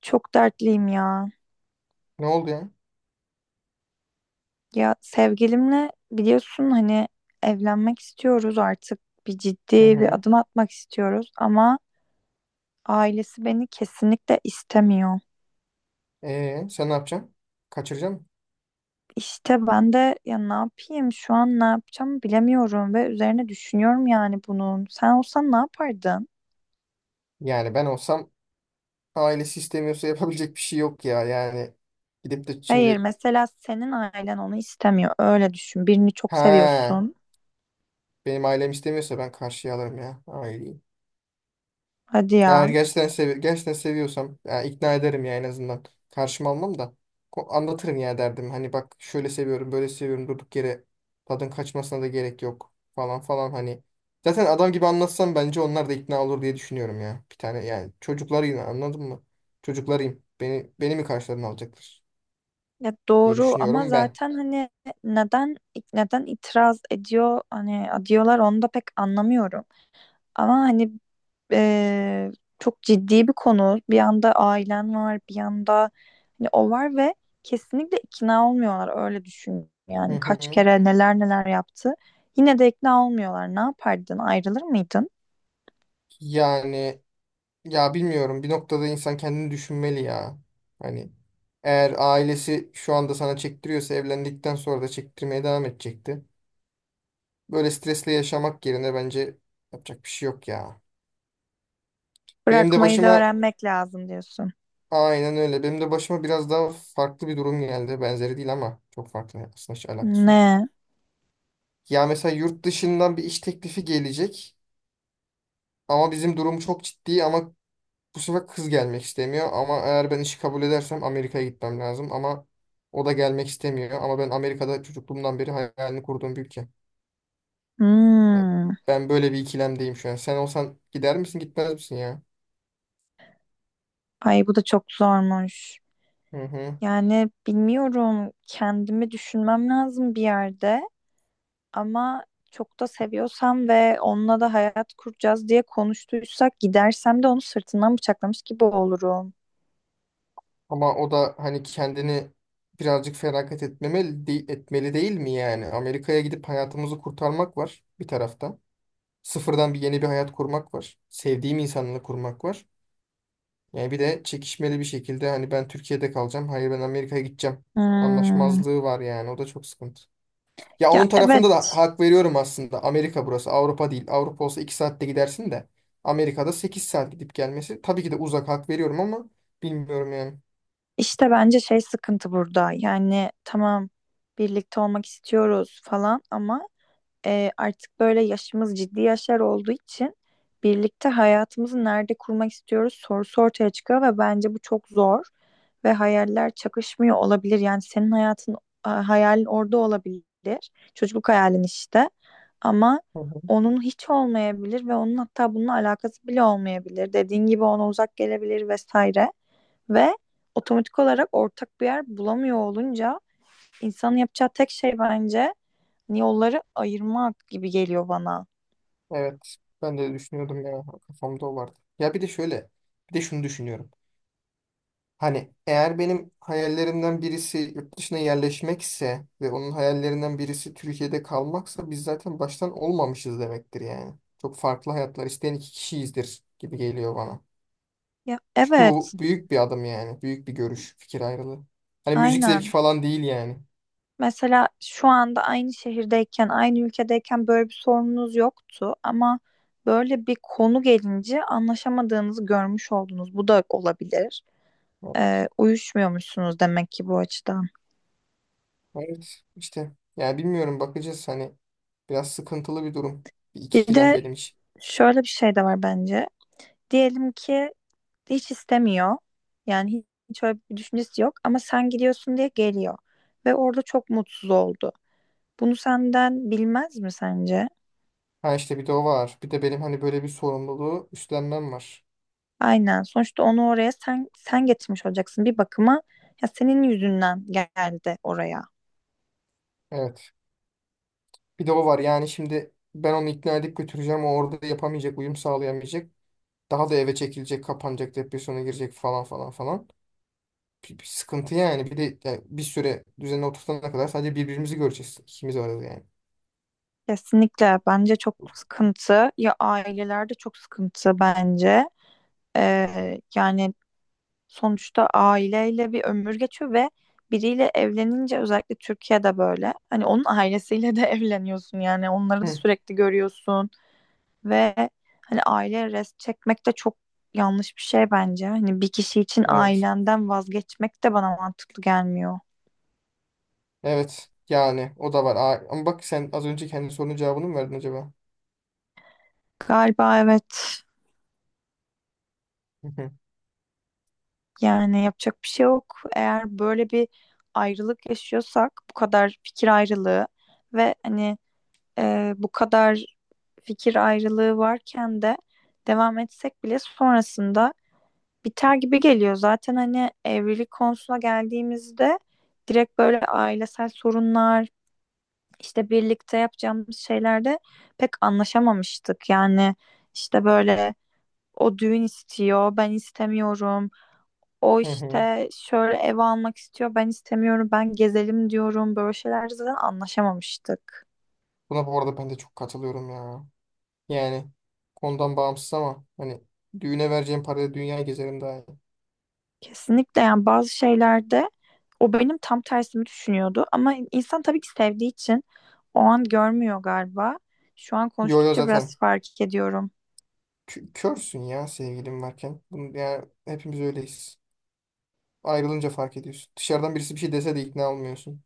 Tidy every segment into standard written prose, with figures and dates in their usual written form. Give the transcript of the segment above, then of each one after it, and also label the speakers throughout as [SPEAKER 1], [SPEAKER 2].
[SPEAKER 1] Çok dertliyim ya.
[SPEAKER 2] Ne oldu ya?
[SPEAKER 1] Ya sevgilimle biliyorsun hani evlenmek istiyoruz artık. Bir
[SPEAKER 2] Hı
[SPEAKER 1] ciddi bir
[SPEAKER 2] hı.
[SPEAKER 1] adım atmak istiyoruz ama ailesi beni kesinlikle istemiyor.
[SPEAKER 2] Sen ne yapacaksın? Kaçıracaksın mı?
[SPEAKER 1] İşte ben de ya ne yapayım şu an ne yapacağımı bilemiyorum ve üzerine düşünüyorum yani bunun. Sen olsan ne yapardın?
[SPEAKER 2] Yani ben olsam ailesi istemiyorsa yapabilecek bir şey yok ya. Yani gidip de
[SPEAKER 1] Hayır
[SPEAKER 2] şimdi
[SPEAKER 1] mesela senin ailen onu istemiyor. Öyle düşün. Birini çok
[SPEAKER 2] ha
[SPEAKER 1] seviyorsun.
[SPEAKER 2] benim ailem istemiyorsa ben karşıya alırım ya aileyi.
[SPEAKER 1] Hadi
[SPEAKER 2] Eğer
[SPEAKER 1] ya.
[SPEAKER 2] gerçekten, gerçekten seviyorsam yani ikna ederim ya en azından. Karşıma almam da anlatırım ya derdim. Hani bak şöyle seviyorum böyle seviyorum durduk yere tadın kaçmasına da gerek yok falan falan hani. Zaten adam gibi anlatsam bence onlar da ikna olur diye düşünüyorum ya. Bir tane yani çocuklarıyım anladın mı? Çocuklarıyım. Beni mi karşılarına alacaklar
[SPEAKER 1] Ya
[SPEAKER 2] diye
[SPEAKER 1] doğru ama
[SPEAKER 2] düşünüyorum ben.
[SPEAKER 1] zaten hani neden neden itiraz ediyor hani diyorlar onu da pek anlamıyorum. Ama hani eee, çok ciddi bir konu. Bir yanda ailen var, bir yanda hani o var ve kesinlikle ikna olmuyorlar öyle düşün.
[SPEAKER 2] Hı
[SPEAKER 1] Yani
[SPEAKER 2] hı.
[SPEAKER 1] kaç kere neler neler yaptı. Yine de ikna olmuyorlar. Ne yapardın? Ayrılır mıydın?
[SPEAKER 2] Yani ya bilmiyorum bir noktada insan kendini düşünmeli ya. Hani eğer ailesi şu anda sana çektiriyorsa evlendikten sonra da çektirmeye devam edecekti. Böyle stresle yaşamak yerine bence yapacak bir şey yok ya. Benim de
[SPEAKER 1] Bırakmayı da
[SPEAKER 2] başıma
[SPEAKER 1] öğrenmek lazım diyorsun.
[SPEAKER 2] aynen öyle. Benim de başıma biraz daha farklı bir durum geldi. Benzeri değil ama çok farklı aslında, hiç alakası yok.
[SPEAKER 1] Ne?
[SPEAKER 2] Ya mesela yurt dışından bir iş teklifi gelecek ama bizim durum çok ciddi, ama bu sefer kız gelmek istemiyor. Ama eğer ben işi kabul edersem Amerika'ya gitmem lazım, ama o da gelmek istemiyor. Ama ben, Amerika'da çocukluğumdan beri hayalini kurduğum bir ülke. Ya,
[SPEAKER 1] Hmm.
[SPEAKER 2] ben böyle bir ikilemdeyim şu an. Sen olsan gider misin, gitmez misin ya?
[SPEAKER 1] Ay bu da çok zormuş.
[SPEAKER 2] Hı hı.
[SPEAKER 1] Yani bilmiyorum kendimi düşünmem lazım bir yerde ama çok da seviyorsam ve onunla da hayat kuracağız diye konuştuysak gidersem de onu sırtından bıçaklamış gibi olurum.
[SPEAKER 2] Ama o da hani kendini birazcık feragat etmeli değil mi yani? Amerika'ya gidip hayatımızı kurtarmak var bir tarafta. Sıfırdan bir yeni bir hayat kurmak var. Sevdiğim insanla kurmak var. Yani bir de çekişmeli bir şekilde hani, ben Türkiye'de kalacağım. Hayır, ben Amerika'ya gideceğim.
[SPEAKER 1] Hmm,
[SPEAKER 2] Anlaşmazlığı var yani. O da çok sıkıntı. Ya
[SPEAKER 1] ya
[SPEAKER 2] onun tarafında da
[SPEAKER 1] evet,
[SPEAKER 2] hak veriyorum aslında. Amerika burası, Avrupa değil. Avrupa olsa 2 saatte gidersin de Amerika'da 8 saat gidip gelmesi tabii ki de uzak, hak veriyorum ama bilmiyorum yani.
[SPEAKER 1] işte bence şey sıkıntı burada yani tamam birlikte olmak istiyoruz falan ama artık böyle yaşımız ciddi yaşlar olduğu için birlikte hayatımızı nerede kurmak istiyoruz sorusu ortaya çıkıyor ve bence bu çok zor ve hayaller çakışmıyor olabilir. Yani senin hayatın hayalin orada olabilir. Çocukluk hayalin işte. Ama
[SPEAKER 2] Hı hı.
[SPEAKER 1] onun hiç olmayabilir ve onun hatta bununla alakası bile olmayabilir. Dediğin gibi ona uzak gelebilir vesaire ve otomatik olarak ortak bir yer bulamıyor olunca insanın yapacağı tek şey bence yolları ayırmak gibi geliyor bana.
[SPEAKER 2] Evet. Ben de düşünüyordum ya. Kafamda o vardı. Ya bir de şöyle. Bir de şunu düşünüyorum. Hani eğer benim hayallerimden birisi yurt dışına yerleşmekse ve onun hayallerinden birisi Türkiye'de kalmaksa biz zaten baştan olmamışız demektir yani. Çok farklı hayatlar isteyen iki kişiyizdir gibi geliyor bana.
[SPEAKER 1] Ya
[SPEAKER 2] Çünkü bu
[SPEAKER 1] evet,
[SPEAKER 2] büyük bir adım yani. Büyük bir görüş, fikir ayrılığı. Hani müzik zevki
[SPEAKER 1] aynen.
[SPEAKER 2] falan değil yani.
[SPEAKER 1] Mesela şu anda aynı şehirdeyken, aynı ülkedeyken böyle bir sorununuz yoktu ama böyle bir konu gelince anlaşamadığınızı görmüş oldunuz. Bu da olabilir. Uyuşmuyormuşsunuz demek ki bu açıdan.
[SPEAKER 2] Evet işte. Yani bilmiyorum, bakacağız hani. Biraz sıkıntılı bir durum. Bir
[SPEAKER 1] Bir
[SPEAKER 2] ikilem
[SPEAKER 1] de
[SPEAKER 2] benim için.
[SPEAKER 1] şöyle bir şey de var bence. Diyelim ki hiç istemiyor. Yani hiç öyle bir düşüncesi yok ama sen gidiyorsun diye geliyor ve orada çok mutsuz oldu. Bunu senden bilmez mi sence?
[SPEAKER 2] Ha işte bir de o var. Bir de benim hani böyle bir sorumluluğu üstlenmem var.
[SPEAKER 1] Aynen. Sonuçta onu oraya sen getirmiş olacaksın bir bakıma. Ya senin yüzünden geldi oraya.
[SPEAKER 2] Evet. Bir de o var. Yani şimdi ben onu ikna edip götüreceğim. O orada yapamayacak, uyum sağlayamayacak. Daha da eve çekilecek, kapanacak, depresyona girecek falan falan falan. Bir sıkıntı yani. Bir de yani bir süre düzenine oturtana kadar sadece birbirimizi göreceğiz. İkimiz varız yani.
[SPEAKER 1] Kesinlikle bence çok
[SPEAKER 2] O-
[SPEAKER 1] sıkıntı. Ya ailelerde çok sıkıntı bence. Yani sonuçta aileyle bir ömür geçiyor ve biriyle evlenince özellikle Türkiye'de böyle. Hani onun ailesiyle de evleniyorsun yani onları da
[SPEAKER 2] hı,
[SPEAKER 1] sürekli görüyorsun. Ve hani aile rest çekmek de çok yanlış bir şey bence. Hani bir kişi için
[SPEAKER 2] evet.
[SPEAKER 1] ailenden vazgeçmek de bana mantıklı gelmiyor.
[SPEAKER 2] Evet. Yani o da var. Aa, ama bak sen az önce kendi sorunun cevabını mı verdin acaba?
[SPEAKER 1] Galiba evet.
[SPEAKER 2] Hı hı.
[SPEAKER 1] Yani yapacak bir şey yok. Eğer böyle bir ayrılık yaşıyorsak bu kadar fikir ayrılığı ve hani bu kadar fikir ayrılığı varken de devam etsek bile sonrasında biter gibi geliyor. Zaten hani evlilik konusuna geldiğimizde direkt böyle ailesel sorunlar işte birlikte yapacağımız şeylerde pek anlaşamamıştık. Yani işte böyle o düğün istiyor, ben istemiyorum. O
[SPEAKER 2] Hı hı.
[SPEAKER 1] işte şöyle ev almak istiyor, ben istemiyorum. Ben gezelim diyorum. Böyle şeylerde zaten anlaşamamıştık.
[SPEAKER 2] Buna bu arada ben de çok katılıyorum ya. Yani konudan bağımsız ama hani düğüne vereceğim parayla dünyayı gezerim, daha iyi.
[SPEAKER 1] Kesinlikle yani bazı şeylerde o benim tam tersimi düşünüyordu. Ama insan tabii ki sevdiği için o an görmüyor galiba. Şu an
[SPEAKER 2] Yo yo,
[SPEAKER 1] konuştukça biraz
[SPEAKER 2] zaten
[SPEAKER 1] fark ediyorum.
[SPEAKER 2] körsün ya sevgilim varken. Bunu, yani hepimiz öyleyiz. Ayrılınca fark ediyorsun. Dışarıdan birisi bir şey dese de ikna olmuyorsun.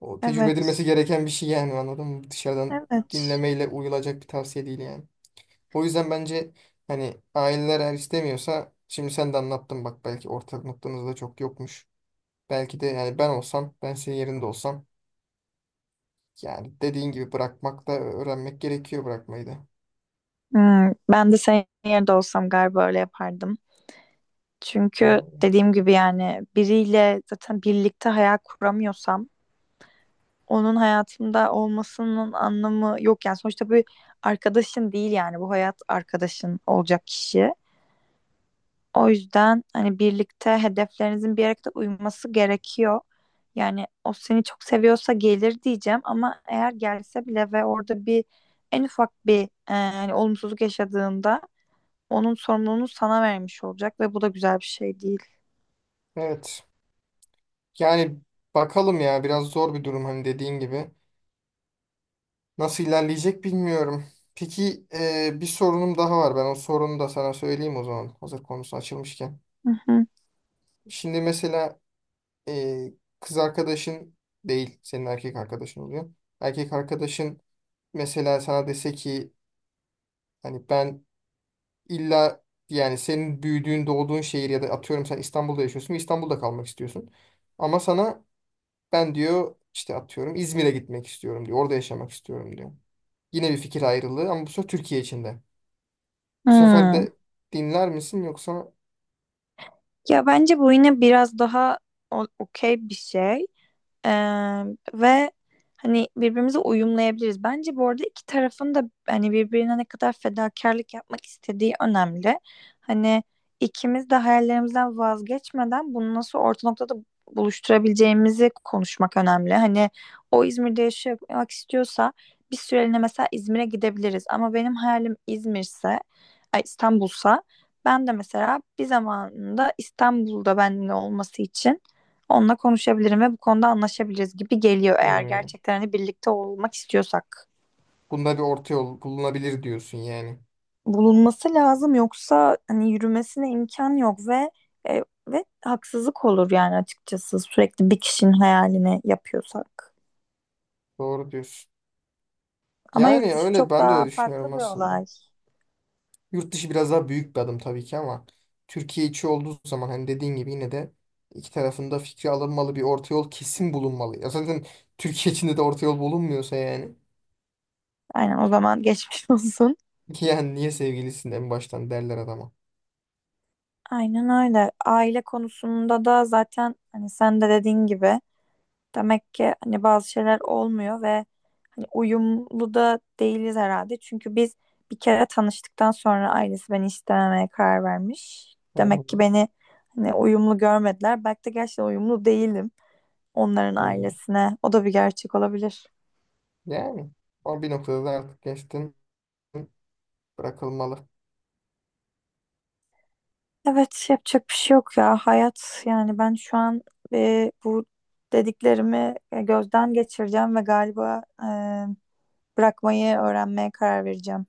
[SPEAKER 2] O tecrübe edilmesi
[SPEAKER 1] Evet.
[SPEAKER 2] gereken bir şey yani, anladın mı? Dışarıdan
[SPEAKER 1] Evet.
[SPEAKER 2] dinlemeyle uyulacak bir tavsiye değil yani. O yüzden bence hani aileler eğer istemiyorsa, şimdi sen de anlattın bak, belki ortak noktanız da çok yokmuş. Belki de yani ben olsam, ben senin yerinde olsam, yani dediğin gibi bırakmak da öğrenmek gerekiyor, bırakmayı da.
[SPEAKER 1] Hmm, ben de senin yerinde olsam galiba öyle yapardım. Çünkü
[SPEAKER 2] Hı.
[SPEAKER 1] dediğim gibi yani biriyle zaten birlikte hayal kuramıyorsam onun hayatımda olmasının anlamı yok yani sonuçta bir arkadaşın değil yani bu hayat arkadaşın olacak kişi. O yüzden hani birlikte hedeflerinizin bir yere kadar uyması gerekiyor. Yani o seni çok seviyorsa gelir diyeceğim ama eğer gelse bile ve orada bir en ufak bir hani olumsuzluk yaşadığında onun sorumluluğunu sana vermiş olacak ve bu da güzel bir şey değil.
[SPEAKER 2] Evet. Yani bakalım ya, biraz zor bir durum hani dediğin gibi. Nasıl ilerleyecek bilmiyorum. Peki bir sorunum daha var. Ben o sorunu da sana söyleyeyim o zaman. Hazır konusu açılmışken.
[SPEAKER 1] Hı hı.
[SPEAKER 2] Şimdi mesela e, kız arkadaşın değil, senin erkek arkadaşın oluyor. Erkek arkadaşın mesela sana dese ki hani, ben İlla yani senin büyüdüğün, doğduğun şehir, ya da atıyorum sen İstanbul'da yaşıyorsun ve İstanbul'da kalmak istiyorsun. Ama sana ben diyor, işte atıyorum İzmir'e gitmek istiyorum diyor. Orada yaşamak istiyorum diyor. Yine bir fikir ayrılığı ama bu sefer Türkiye içinde. Bu sefer
[SPEAKER 1] Hmm.
[SPEAKER 2] de dinler misin yoksa?
[SPEAKER 1] Ya bence bu yine biraz daha okey bir şey. Ee, ve hani birbirimize uyumlayabiliriz. Bence bu arada iki tarafın da hani birbirine ne kadar fedakarlık yapmak istediği önemli. Hani ikimiz de hayallerimizden vazgeçmeden bunu nasıl orta noktada buluşturabileceğimizi konuşmak önemli. Hani o İzmir'de yaşamak istiyorsa bir süreliğine mesela İzmir'e gidebiliriz. Ama benim hayalim İzmir'se, ay İstanbul'sa ben de mesela bir zamanında İstanbul'da benimle olması için onunla konuşabilirim ve bu konuda anlaşabiliriz gibi geliyor eğer
[SPEAKER 2] Hmm,
[SPEAKER 1] gerçekten hani birlikte olmak istiyorsak.
[SPEAKER 2] bunda bir orta yol bulunabilir diyorsun yani.
[SPEAKER 1] Bulunması lazım yoksa hani yürümesine imkan yok ve ve haksızlık olur yani açıkçası sürekli bir kişinin hayalini yapıyorsak.
[SPEAKER 2] Doğru diyorsun.
[SPEAKER 1] Ama yurt
[SPEAKER 2] Yani
[SPEAKER 1] dışı
[SPEAKER 2] öyle,
[SPEAKER 1] çok
[SPEAKER 2] ben de
[SPEAKER 1] daha
[SPEAKER 2] öyle
[SPEAKER 1] farklı
[SPEAKER 2] düşünüyorum
[SPEAKER 1] bir
[SPEAKER 2] aslında.
[SPEAKER 1] olay.
[SPEAKER 2] Yurt dışı biraz daha büyük bir adım tabii ki ama Türkiye içi olduğu zaman hani dediğin gibi yine de iki tarafında fikri alınmalı, bir orta yol kesin bulunmalı. Ya zaten Türkiye içinde de orta yol bulunmuyorsa yani
[SPEAKER 1] Aynen o zaman geçmiş olsun.
[SPEAKER 2] ki yani niye sevgilisin en baştan derler adama.
[SPEAKER 1] Aynen öyle. Aile konusunda da zaten hani sen de dediğin gibi demek ki hani bazı şeyler olmuyor ve hani uyumlu da değiliz herhalde. Çünkü biz bir kere tanıştıktan sonra ailesi beni istememeye karar vermiş.
[SPEAKER 2] Hı hı.
[SPEAKER 1] Demek ki beni hani uyumlu görmediler. Belki de gerçekten uyumlu değilim onların
[SPEAKER 2] Evet.
[SPEAKER 1] ailesine. O da bir gerçek olabilir.
[SPEAKER 2] Yani o bir noktada da artık geçtin, bırakılmalı.
[SPEAKER 1] Evet, yapacak bir şey yok ya. Hayat yani ben şu an bu dediklerimi gözden geçireceğim ve galiba bırakmayı öğrenmeye karar vereceğim.